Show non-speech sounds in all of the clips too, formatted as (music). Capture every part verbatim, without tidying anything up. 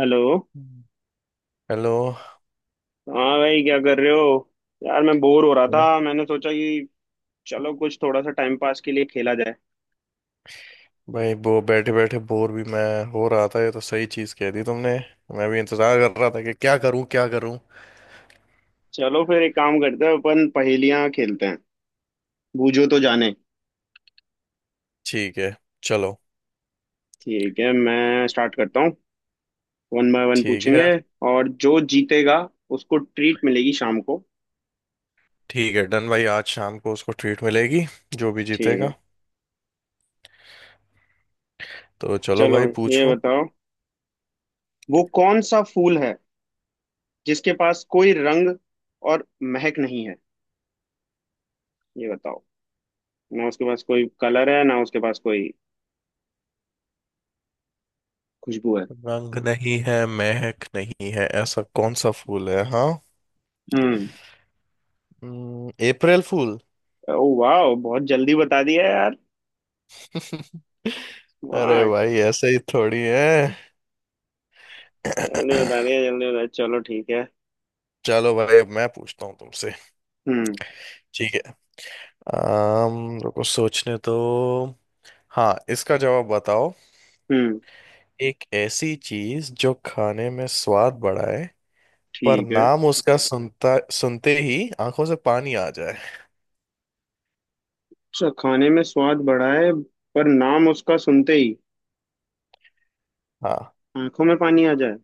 Hello. हम्म। Hello. हाँ भाई, क्या कर रहे हो? यार मैं बोर हो रहा ओए था, मैंने सोचा कि चलो कुछ थोड़ा सा टाइम पास के लिए खेला जाए। भाई, वो बैठे बैठे बोर भी मैं हो रहा था। ये तो सही चीज कह दी तुमने। मैं भी इंतजार कर रहा था कि क्या करूं क्या करूं। चलो फिर एक काम करते हैं, अपन पहेलियाँ खेलते हैं। बूझो तो जाने। ठीक है। चलो। ठीक है, मैं स्टार्ट करता हूँ। वन बाय वन ठीक है। पूछेंगे। और जो जीतेगा उसको ट्रीट मिलेगी शाम को। ठीक है, डन भाई। आज शाम को उसको ट्रीट मिलेगी, जो भी ठीक है। जीतेगा। तो चलो चलो भाई, ये पूछो। बताओ, वो कौन सा फूल है जिसके पास कोई रंग और महक नहीं है? ये बताओ, ना उसके पास कोई कलर है ना उसके पास कोई खुशबू है। रंग नहीं है, महक नहीं है, ऐसा कौन सा फूल है। हाँ। हम्म। हम्म, अप्रैल फूल। ओ वाह, बहुत जल्दी बता दिया यार। (laughs) अरे स्मार्ट। भाई ऐसे ही थोड़ी है। जल्दी बता (clears throat) दिया, (coughs) जल्दी बता, चलो ठीक है। चलो भाई, अब मैं पूछता हूँ तुमसे। हम्म। ठीक है। आम, रुको सोचने तो। हाँ, इसका जवाब बताओ। हम्म। एक ऐसी चीज जो खाने में स्वाद बढ़ाए, पर ठीक है। नाम उसका सुनता सुनते ही आंखों से पानी आ जाए। अच्छा, खाने में स्वाद बढ़ा है, पर नाम उसका सुनते ही हाँ। आंखों में पानी आ जाए।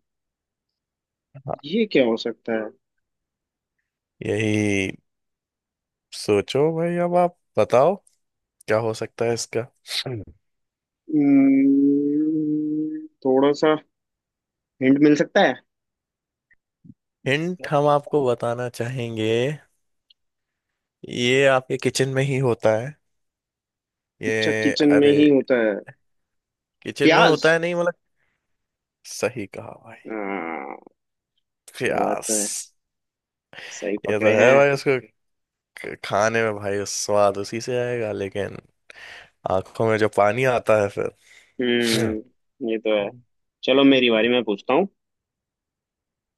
हाँ। ये क्या हो सकता है? यही। सोचो भाई, अब आप बताओ क्या हो सकता है इसका। हम्म, थोड़ा सा हिंट मिल सकता है? हिंट हम आपको बताना चाहेंगे। ये आपके किचन में ही होता है। अच्छा, ये किचन में अरे ही होता है। किचन में होता प्याज। है, नहीं मतलब। सही कहा भाई। हाँ, ये बात प्यास। तो है, सही ये तो पकड़े है हैं। भाई उसको। क- खाने में भाई स्वाद उसी से आएगा, लेकिन आंखों में जो पानी आता है फिर। हम्म ये तो है। हम्म। चलो मेरी बारी, मैं पूछता हूँ।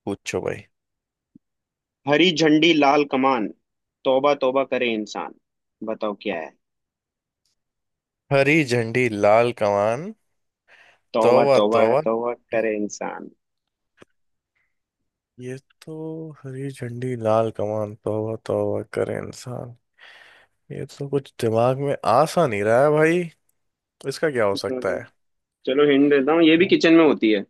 पूछो भाई। हरी झंडी लाल कमान, तौबा तौबा करे इंसान। बताओ क्या है? हरी झंडी लाल कमान, तौबा तौबा तौबा तौबा। तौबा करे इंसान। ये तो हरी झंडी लाल कमान तौबा तौबा करे इंसान, ये तो कुछ दिमाग में आ सा नहीं रहा है भाई। इसका क्या हो सकता है। चलो हिंट देता हूँ, ये भी किचन में होती है।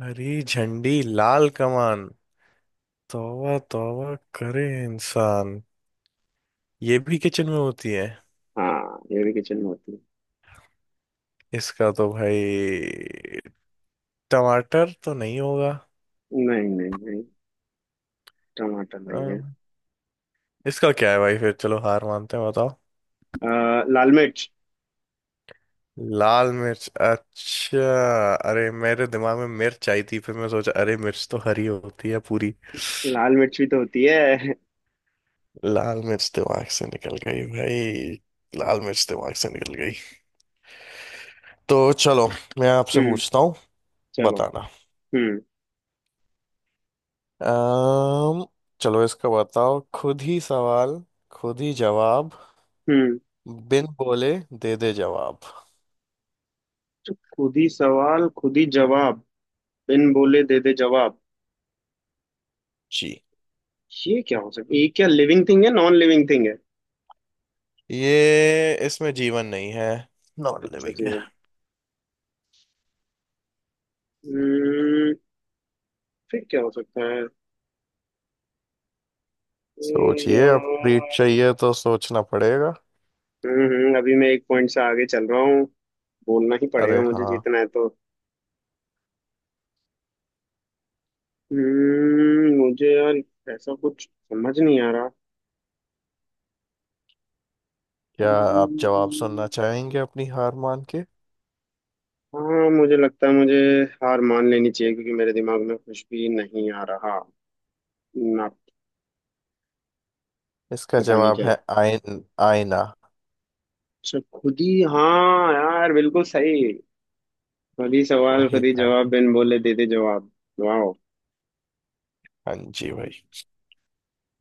हरी झंडी लाल कमान, तौबा तौबा करे इंसान। ये भी किचन में होती है। हाँ, ये भी किचन में होती है। इसका तो भाई टमाटर तो नहीं होगा। नहीं नहीं नहीं, टमाटर अ, नहीं है। इसका क्या है भाई फिर, चलो हार मानते हैं, बताओ। आ, लाल मिर्च। लाल मिर्च, अच्छा। अरे मेरे दिमाग में मिर्च आई थी, फिर मैं सोचा अरे मिर्च तो हरी होती है पूरी। लाल मिर्च भी तो होती है। लाल मिर्च दिमाग से निकल गई भाई। लाल मिर्च दिमाग से निकल गई। तो चलो, मैं आपसे हम्म। पूछता हूँ। चलो। बताना। हम्म। अम्म चलो इसका बताओ। खुद ही सवाल, खुद ही जवाब, हम्म। बिन बोले दे दे जवाब। तो खुद ही सवाल, खुद ही जवाब, बिन बोले दे दे जवाब। जी। ये क्या हो सकता है? ये क्या, लिविंग थिंग है नॉन लिविंग थिंग है? ये इसमें जीवन नहीं है, नॉन अच्छा लिविंग जी। है। हम्म फिर क्या हो सकता है सोचिए, यार? अब ट्रीट चाहिए तो सोचना पड़ेगा। हम्म। हम्म, अभी मैं एक पॉइंट से आगे चल रहा हूँ। बोलना ही पड़ेगा, अरे मुझे हाँ। जीतना है तो। हम्म मुझे यार ऐसा कुछ समझ नहीं आ रहा। क्या आप जवाब सुनना हम्म, चाहेंगे अपनी हार मान के। हाँ मुझे लगता है मुझे हार मान लेनी चाहिए क्योंकि मेरे दिमाग में कुछ भी नहीं आ रहा ना। इसका पता नहीं जवाब क्या। है आयन। आईना। अच्छा खुद ही, हाँ यार बिल्कुल सही। खुद ही सवाल, खुद वही ही है। जवाब, बिन बोले दे दे जवाब। वाह। हाँ जी भाई।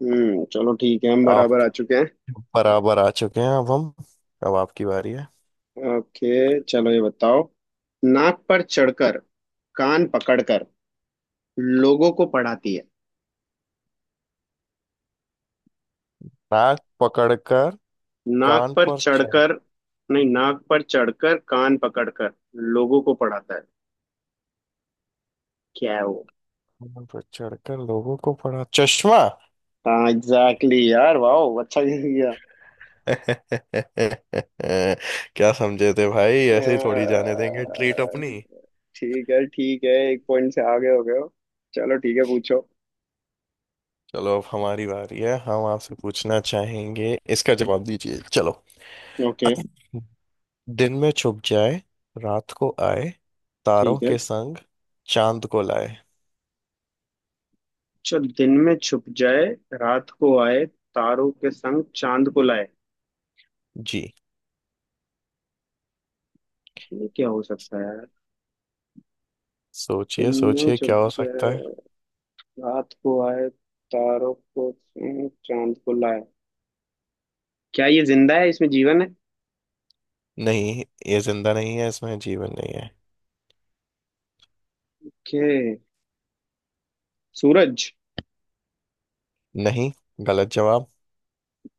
हम्म चलो ठीक है, हम आप बराबर आ चुके हैं। बराबर आ चुके हैं, अब हम, अब आपकी बारी है। ओके चलो, ये बताओ। नाक पर चढ़कर, कान पकड़कर, लोगों को पढ़ाती है। नाक पकड़कर, नाक कान पर पर चढ़, चढ़कर। नहीं, नाक पर चढ़कर, कान पकड़कर, लोगों को पढ़ाता है। क्या है वो? कान पर चढ़कर लोगों को पड़ा, चश्मा। हाँ एग्जैक्टली exactly, यार वाह, अच्छा गेस किया। (laughs) क्या समझे थे भाई, ऐसे ही थोड़ी जाने देंगे ट्रीट अह, अपनी। ठीक है ठीक है, एक पॉइंट से आगे हो गए हो। चलो ठीक है, पूछो। चलो अब हमारी बारी है, हम आपसे पूछना चाहेंगे, इसका जवाब दीजिए, चलो। ओके। दिन में छुप जाए, रात को आए, तारों ठीक है। के संग चांद को लाए। जो दिन में छुप जाए, रात को आए, तारों के संग चांद को लाए। जी। ये क्या हो सकता है? सोचिए इनमें सोचिए जब क्या हो सकता जय, है। रात को आए, तारों को छूं, चांद को लाए। क्या ये जिंदा है, इसमें जीवन है? नहीं, ये जिंदा नहीं है, इसमें जीवन नहीं है। के। सूरज। नहीं, गलत जवाब।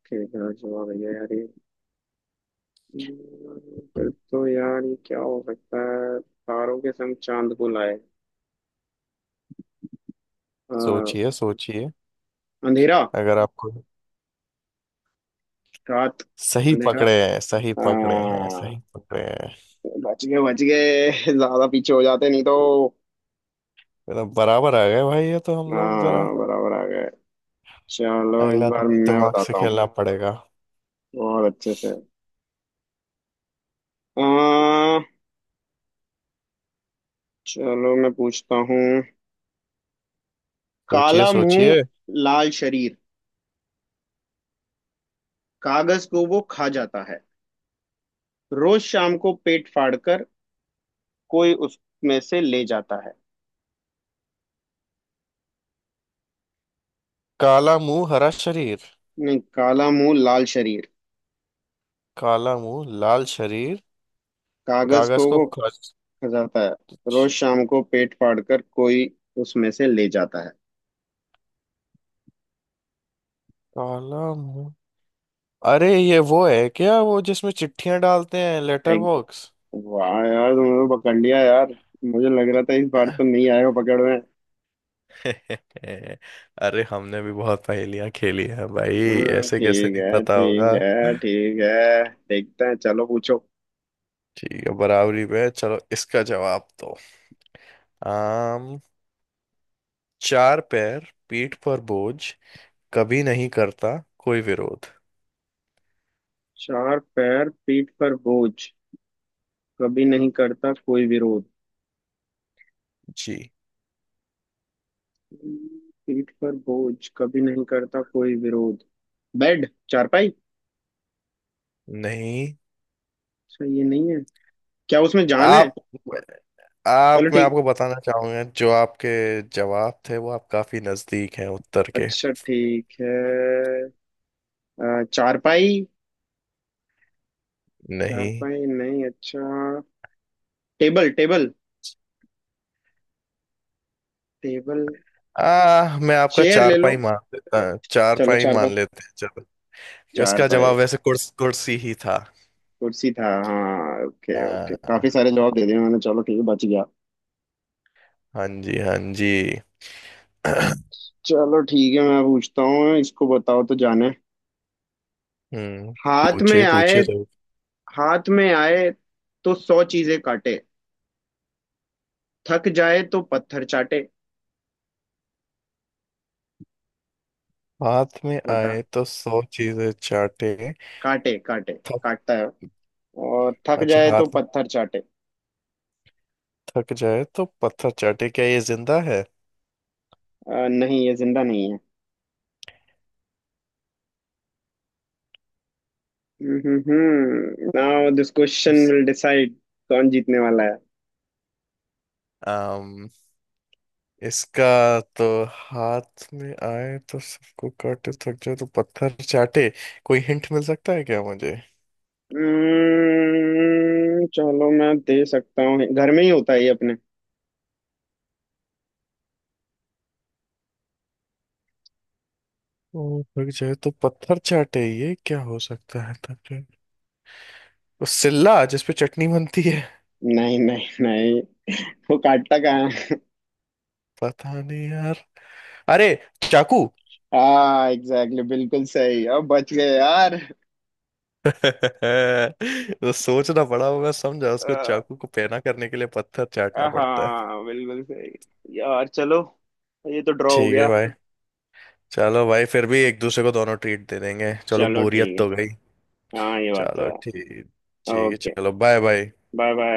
के क्या जवाब है यार ये? हम्म, फिर तो यार ये क्या हो सकता है? तारों के संग चांद को लाए। अ, सोचिए सोचिए। अंधेरा। अगर आपको, रात। सही अंधेरा। पकड़े हैं सही पकड़े हैं हाँ, सही पकड़े हैं। बच गए बच गए, ज्यादा पीछे हो जाते नहीं तो। मतलब बराबर आ गए भाई, ये तो हम लोग जरा। हाँ, बराबर आ गए। चलो इस अगला बार थोड़ा मैं दिमाग से बताता हूँ। खेलना पड़ेगा। बहुत अच्छे से। आ, चलो मैं पूछता हूँ। सोचिए काला मुंह, सोचिए। लाल शरीर, कागज को वो खा जाता है। रोज शाम को पेट फाड़कर कोई उसमें से ले जाता है। काला मुंह हरा शरीर। नहीं, काला मुंह लाल शरीर, काला मुंह लाल शरीर। कागज कागज को को वो खा खर्च। जाता है, रोज शाम को पेट फाड़कर कोई उसमें से ले जाता है। काला मुंह। अरे ये वो है क्या, वो जिसमें चिट्ठियां डालते हैं, लेटर एक। बॉक्स। वाह यार, तुमने तो पकड़ लिया यार। मुझे लग रहा था इस बार तो (laughs) नहीं आएगा पकड़ में। अरे हमने भी बहुत पहेलियां खेली हैं भाई। हम्म, ऐसे कैसे ठीक नहीं है पता ठीक होगा। है ठीक है, देखते हैं। चलो पूछो। ठीक है, बराबरी पे है, चलो इसका जवाब दो। आम। चार पैर, पीठ पर बोझ, कभी नहीं करता कोई विरोध। चार पैर, पीठ पर बोझ, कभी नहीं करता कोई विरोध। जी। पीठ पर बोझ, कभी नहीं करता कोई विरोध। बेड। चारपाई। नहीं। अच्छा, ये नहीं है? क्या उसमें जान है? आप, आप चलो मैं ठीक। आपको बताना चाहूंगा, जो आपके जवाब थे वो आप काफी नजदीक हैं उत्तर के। अच्छा, ठीक है। अ, चारपाई। नहीं। चारपाई नहीं, अच्छा। टेबल टेबल टेबल, आ मैं आपका चेयर ले लो। चारपाई मान लेता, चलो चारपाई चारपाई, मान लेते हैं, चलो। उसका चारपाई। जवाब वैसे कुर्स, कुर्सी ही था। कुर्सी था? हाँ, ओके ओके, आ, काफी सारे जवाब दे दिए मैंने, चलो ठीक है बच गया। हाँ जी, हाँ जी। (clears throat) चलो ठीक है, मैं पूछता हूँ, इसको बताओ तो जाने। हम्म। हाथ में पूछिए आए। पूछिए जरूर। हाथ में आए तो सौ चीजें काटे, थक जाए तो पत्थर चाटे। हाथ में बता। आए तो सौ चीजें चाटे, काटे काटे, थक। काटता है और थक अच्छा जाए तो हाथ, पत्थर चाटे। थक जाए तो पत्थर चाटे, क्या ये जिंदा है। अ, नहीं ये जिंदा नहीं है। हम्म नाउ दिस इस क्वेश्चन विल डिसाइड कौन जीतने वाला है। इसका तो, हाथ में आए तो सबको काटे थक जाए तो पत्थर चाटे, कोई हिंट मिल सकता है क्या मुझे। हम्म, चलो मैं दे सकता हूँ, घर में ही होता है ये अपने। ओ थक जाए तो पत्थर चाटे, ये क्या हो सकता है, थक जाए, वो सिल्ला जिसपे चटनी बनती है। नहीं नहीं नहीं, वो काटता कहाँ है? पता नहीं यार। अरे चाकू। (laughs) हाँ एग्जैक्टली, बिल्कुल सही, अब बच गए यार। (laughs) तो सोचना पड़ा वो, मैं समझा उसको चाकू को पैना करने के लिए पत्थर चाटना पड़ता है। हाँ बिल्कुल सही। यार चलो, ये तो ड्रॉ हो ठीक है गया। भाई। चलो भाई फिर भी एक दूसरे को दोनों ट्रीट दे देंगे, चलो चलो बोरियत ठीक तो है। गई। हाँ ये बात तो चलो ठीक। है। ठीक है, ओके। चलो बाय बाय। Bye bye.